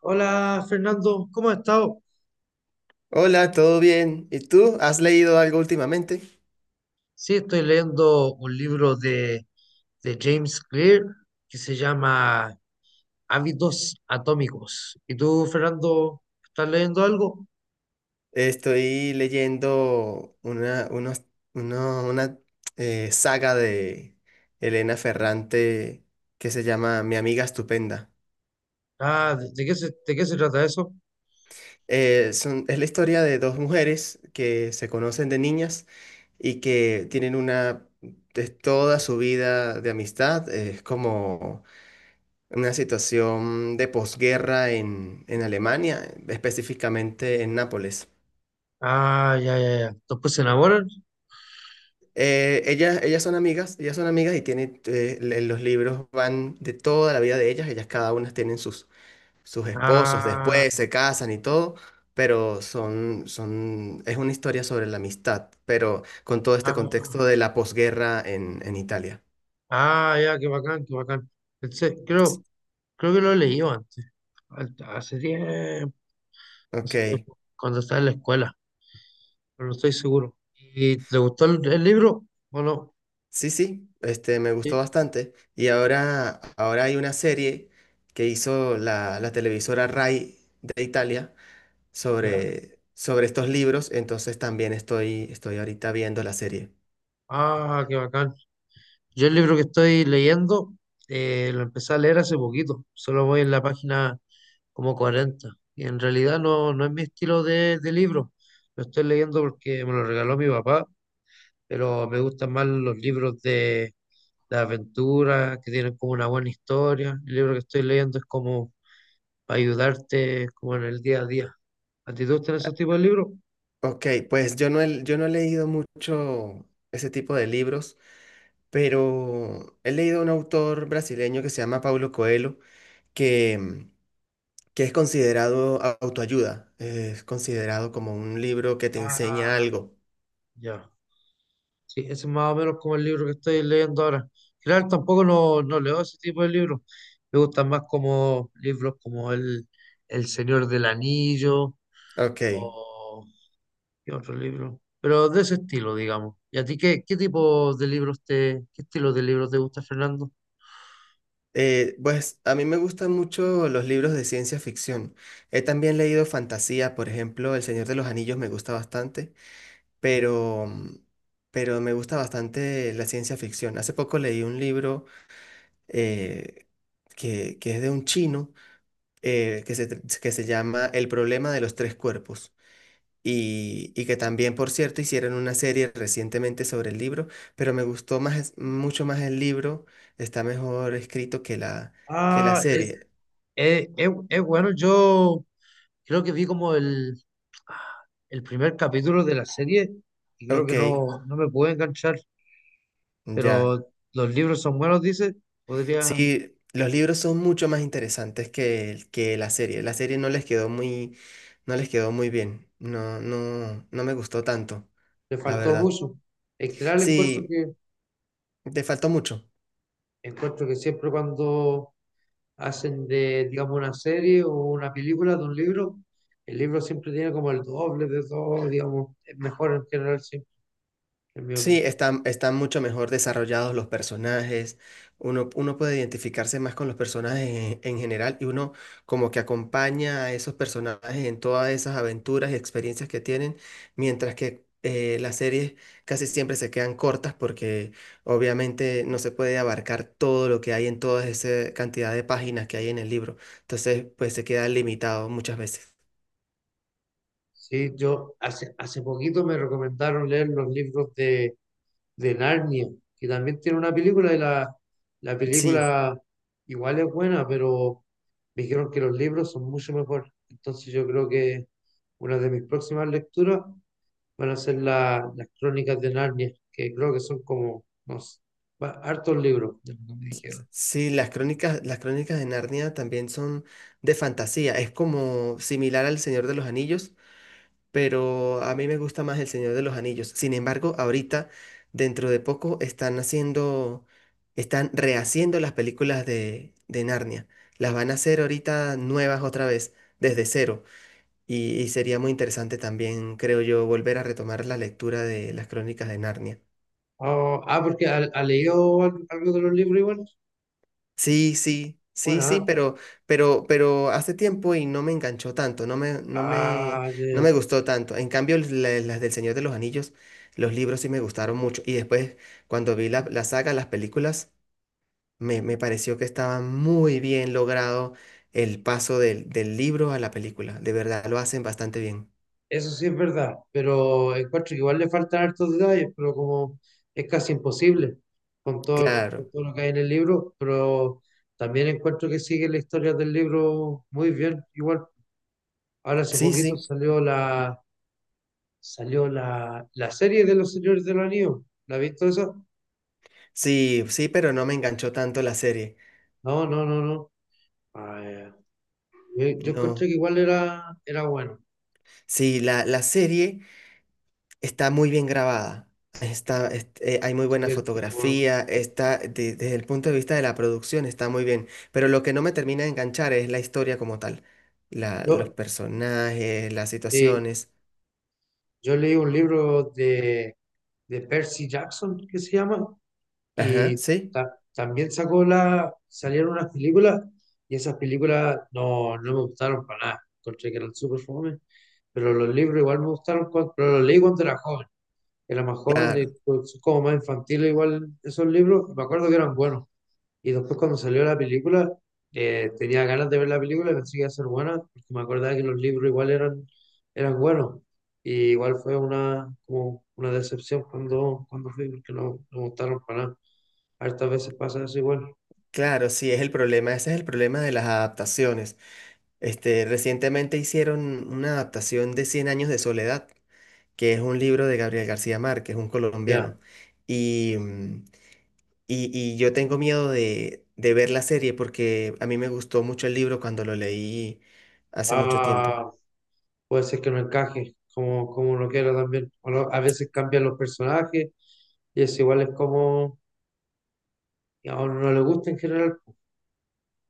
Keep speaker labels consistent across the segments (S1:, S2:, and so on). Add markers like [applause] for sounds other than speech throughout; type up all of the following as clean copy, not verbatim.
S1: Hola Fernando, ¿cómo has estado?
S2: Hola, ¿todo bien? ¿Y tú? ¿Has leído algo últimamente?
S1: Sí, estoy leyendo un libro de James Clear que se llama Hábitos Atómicos. ¿Y tú, Fernando, estás leyendo algo?
S2: Estoy leyendo una saga de Elena Ferrante que se llama Mi amiga estupenda.
S1: Ah, ¿de qué se trata eso?
S2: Es la historia de dos mujeres que se conocen de niñas y que tienen de toda su vida de amistad. Es como una situación de posguerra en Alemania, específicamente en Nápoles.
S1: Ah, ya, ya, ya. ¿Después se enamoran?
S2: Ellas son amigas, ellas son amigas y tienen, los libros van de toda la vida de ellas, ellas cada una tienen sus esposos,
S1: Ah,
S2: después se casan y todo, pero son, es una historia sobre la amistad, pero con todo este
S1: ah,
S2: contexto de la posguerra en Italia.
S1: ah, ya, qué bacán, qué bacán. Pensé- creo, creo que lo he leído antes, hace tiempo,
S2: Ok,
S1: hace tiempo, cuando estaba en la escuela. Pero no estoy seguro. ¿Y te gustó el libro o no?
S2: sí, sí, me gustó
S1: Sí,
S2: bastante. Y ahora hay una serie que hizo la televisora Rai de Italia
S1: ya.
S2: sobre estos libros, entonces también estoy ahorita viendo la serie.
S1: Ah, qué bacán. Yo el libro que estoy leyendo, lo empecé a leer hace poquito, solo voy en la página como 40. Y en realidad no es mi estilo de libro. Lo estoy leyendo porque me lo regaló mi papá, pero me gustan más los libros de aventura, que tienen como una buena historia. El libro que estoy leyendo es como para ayudarte como en el día a día. ¿A ti te gustan esos tipos de libros?
S2: Ok, pues yo no he leído mucho ese tipo de libros, pero he leído un autor brasileño que se llama Paulo Coelho, que, mm, que es considerado autoayuda, es considerado como un libro que te enseña
S1: Ah,
S2: algo.
S1: ya. Sí, ese es más o menos como el libro que estoy leyendo ahora. Claro, tampoco no leo ese tipo de libros. Me gustan más como libros como El Señor del Anillo
S2: Ok,
S1: o ¿qué otro libro? Pero de ese estilo, digamos. ¿Y a ti qué estilo de libros te gusta, Fernando?
S2: pues a mí me gustan mucho los libros de ciencia ficción. He también leído fantasía, por ejemplo, El Señor de los Anillos me gusta bastante. Pero pero me gusta bastante la ciencia ficción. Hace poco leí un libro eh, que es de un chino que se llama El problema de los tres cuerpos. Y que también, por cierto, hicieron una serie recientemente sobre el libro, pero me gustó más, es- mucho más el libro, está mejor escrito que que la
S1: Ah, es,
S2: serie.
S1: es bueno. Yo creo que vi como el primer capítulo de la serie y creo
S2: Ok,
S1: que no me pude enganchar.
S2: ya.
S1: Pero los libros son buenos, dice, podría,
S2: Sí, los libros son mucho más interesantes que la serie. La serie no les quedó muy bien. No, no, no me gustó tanto,
S1: le
S2: la
S1: faltó
S2: verdad.
S1: abuso. En general encuentro
S2: Sí,
S1: que,
S2: te faltó mucho.
S1: encuentro que siempre cuando hacen de, digamos, una serie o una película de un libro, el libro siempre tiene como el doble de todo, digamos, es mejor en general, sí, en mi
S2: Sí,
S1: opinión.
S2: están mucho mejor desarrollados los personajes. Uno puede identificarse más con los personajes en general y uno como que acompaña a esos personajes en todas esas aventuras y experiencias que tienen, mientras que las series casi siempre se quedan cortas porque obviamente no se puede abarcar todo lo que hay en toda esa cantidad de páginas que hay en el libro. Entonces, pues se queda limitado muchas veces.
S1: Sí, yo hace poquito me recomendaron leer los libros de, Narnia, que también tiene una película y la
S2: Sí.
S1: película igual es buena, pero me dijeron que los libros son mucho mejor. Entonces yo creo que una de mis próximas lecturas van a ser las crónicas de Narnia, que creo que son como, no sé, hartos libros, de lo que me dijeron.
S2: Sí, las crónicas de Narnia también son de fantasía. Es como similar al Señor de los Anillos, pero a mí me gusta más el Señor de los Anillos. Sin embargo, ahorita, dentro de poco, están rehaciendo las películas de Narnia. Las van a hacer ahorita nuevas otra vez, desde cero. Y sería muy interesante también, creo yo, volver a retomar la lectura de las crónicas de Narnia.
S1: Oh, ah, porque ha leído algo de los libros igual.
S2: Sí, sí, sí,
S1: Bueno,
S2: sí,
S1: ah,
S2: pero hace tiempo y no me enganchó tanto,
S1: ah, ya,
S2: no
S1: ya.
S2: me gustó tanto. En cambio, las del Señor de los Anillos, los libros sí me gustaron mucho. Y después, cuando vi la saga, las películas, me pareció que estaba muy bien logrado el paso del libro a la película. De verdad, lo hacen bastante bien.
S1: Eso sí es verdad, pero encuentro que igual le faltan hartos detalles, pero como es casi imposible con todo, con
S2: Claro.
S1: todo lo que hay en el libro, pero también encuentro que sigue la historia del libro muy bien, igual. Ahora hace
S2: Sí,
S1: poquito
S2: sí,
S1: salió la serie de los Señores del Anillo. ¿La has visto esa?
S2: sí, sí, pero no me enganchó tanto la serie.
S1: No, no, no, no. Ah, ya. Yo encontré
S2: No.
S1: que igual era bueno.
S2: Sí, la serie. Está muy bien grabada. Hay muy
S1: Así
S2: buena
S1: el tipo-
S2: fotografía. Desde el punto de vista de la producción, está muy bien. Pero lo que no me termina de enganchar es la historia como tal. Los
S1: Yo,
S2: personajes, las
S1: sí,
S2: situaciones.
S1: yo leí un libro de Percy Jackson que se llama.
S2: Ajá,
S1: Y
S2: sí,
S1: también salieron unas películas y esas películas no me gustaron para nada. Encontré que eran súper fome, pero los libros igual me gustaron, pero los leí cuando era joven. Era más joven y
S2: claro.
S1: pues, como más infantil igual esos libros, me acuerdo que eran buenos. Y después cuando salió la película, tenía ganas de ver la película y pensé que iba a ser buena, porque me acordaba que los libros igual eran buenos. Y igual fue como una decepción cuando fui, porque no me gustaron para nada. Hartas veces pasa eso igual.
S2: Claro, sí, es el problema. Ese es el problema de las adaptaciones. Recientemente hicieron una adaptación de Cien años de soledad, que es un libro de Gabriel García Márquez, un
S1: Ya,
S2: colombiano. y mm, y yo tengo miedo de ver la serie porque a mí me gustó mucho el libro cuando lo leí hace mucho tiempo.
S1: ah, puede ser que no encaje como, uno quiera también. O a veces cambian los personajes y es igual es como a uno no le gusta en general,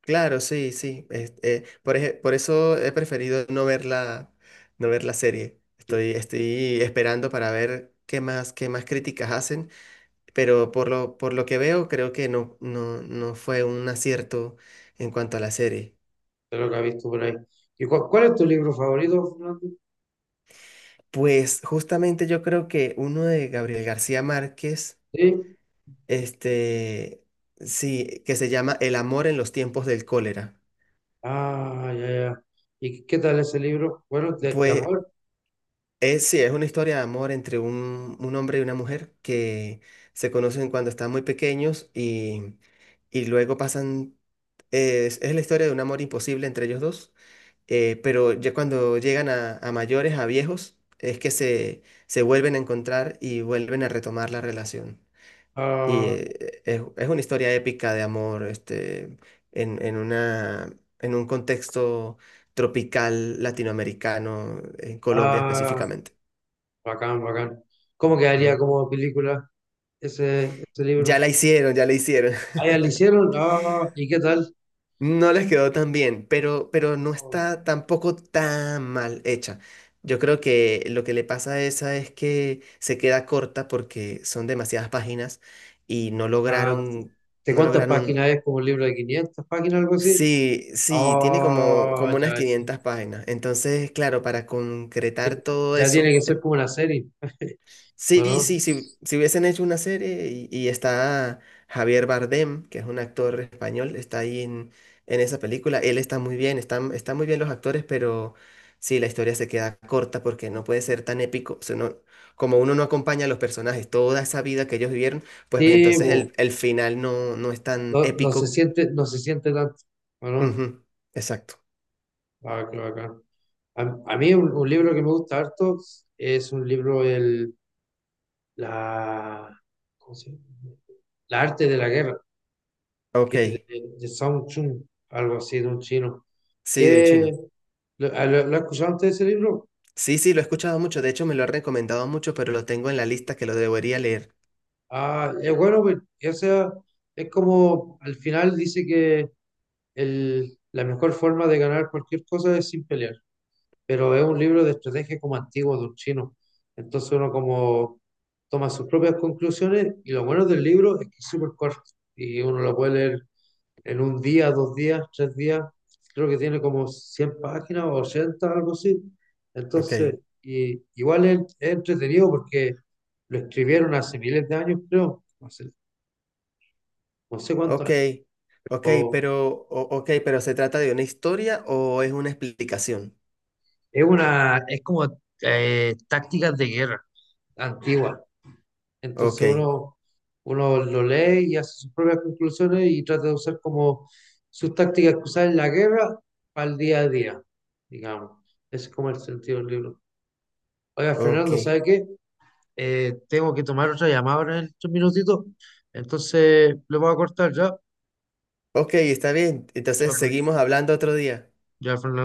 S2: Claro, sí, sí. Por eso he preferido no ver no ver la serie.
S1: de
S2: Estoy esperando para ver qué más críticas hacen, pero por lo que veo creo que no, no, no fue un acierto en cuanto a la serie.
S1: lo que ha visto por ahí. ¿Y cuál es tu libro favorito, Fernando?
S2: Pues justamente yo creo que uno de Gabriel García Márquez.
S1: Sí.
S2: Este, sí, que se llama El amor en los tiempos del cólera.
S1: Ah, ya, ya. ¿Y qué tal ese libro? Bueno, de
S2: Pues
S1: amor.
S2: sí, es una historia de amor entre un hombre y una mujer que se conocen cuando están muy pequeños y es la historia de un amor imposible entre ellos dos, pero ya cuando llegan a mayores, a viejos, es que se vuelven a encontrar y vuelven a retomar la relación. Y
S1: Ah,
S2: es una historia épica de amor, en en un contexto tropical latinoamericano, en Colombia
S1: ah,
S2: específicamente.
S1: bacán, bacán. ¿Cómo quedaría
S2: Ujú.
S1: como película ese
S2: Ya
S1: libro?
S2: la hicieron, ya la hicieron.
S1: Ah,
S2: [laughs]
S1: ya lo hicieron. Ah, ¿y qué tal?
S2: No les quedó tan bien, pero no está tampoco tan mal hecha. Yo creo que lo que le pasa a esa es que se queda corta porque son demasiadas páginas y
S1: Ah, ¿de
S2: no
S1: cuántas
S2: lograron.
S1: páginas es? ¿Como un libro de 500 páginas, algo así?
S2: Sí, sí, tiene como,
S1: Ah,
S2: como unas
S1: ya, sí.
S2: 500 páginas. Entonces, claro, para concretar
S1: Sí,
S2: todo
S1: ya tiene
S2: eso,
S1: que ser como una serie, [laughs] ¿o
S2: sí,
S1: no?
S2: sí, sí, si hubiesen hecho una serie y está Javier Bardem, que es un actor español, está ahí en esa película, él está muy bien, están muy bien los actores, pero sí, la historia se queda corta porque no puede ser tan épico, como uno no acompaña a los personajes, toda esa vida que ellos vivieron, pues
S1: Sí,
S2: entonces
S1: po.
S2: el final no, no es tan
S1: No, no se
S2: épico.
S1: siente, no se siente tanto, ¿o no?
S2: Ujú, exacto.
S1: Ah, qué bacán. A mí un libro que me gusta harto es un libro, la, ¿cómo se llama? La arte de la guerra, que es
S2: Ok.
S1: de, Song Chun, algo así, de un chino.
S2: Sí, de un
S1: ¿Qué,
S2: chino.
S1: lo, ah, lo has escuchado antes ese libro?
S2: Sí, sí, lo he escuchado mucho. De hecho, me lo ha recomendado mucho, pero lo tengo en la lista que lo debería leer.
S1: Ah, es bueno, pues, o sea, es como al final dice que la mejor forma de ganar cualquier cosa es sin pelear. Pero es un libro de estrategia como antiguo de un chino. Entonces uno como toma sus propias conclusiones y lo bueno del libro es que es súper corto y uno lo puede leer en un día, 2 días, 3 días. Creo que tiene como 100 páginas o 80, algo así. Entonces,
S2: Ok,
S1: y, igual es entretenido porque lo escribieron hace miles de años, creo, no sé cuántos
S2: ok,
S1: años.
S2: ok,
S1: o-
S2: pero, ¿se trata de una historia o es una explicación?
S1: Es como tácticas de guerra antigua. Entonces
S2: Ok,
S1: uno lo lee y hace sus propias conclusiones y trata de usar como sus tácticas que usaba en la guerra para el día a día, digamos. Ese es como el sentido del libro. Oiga,
S2: ok,
S1: Fernando, ¿sabe qué? Tengo que tomar otra llamada ahora en estos minutitos, entonces le voy a cortar ya.
S2: ok, está bien.
S1: Ya,
S2: Entonces, seguimos hablando otro día.
S1: ya Fernando.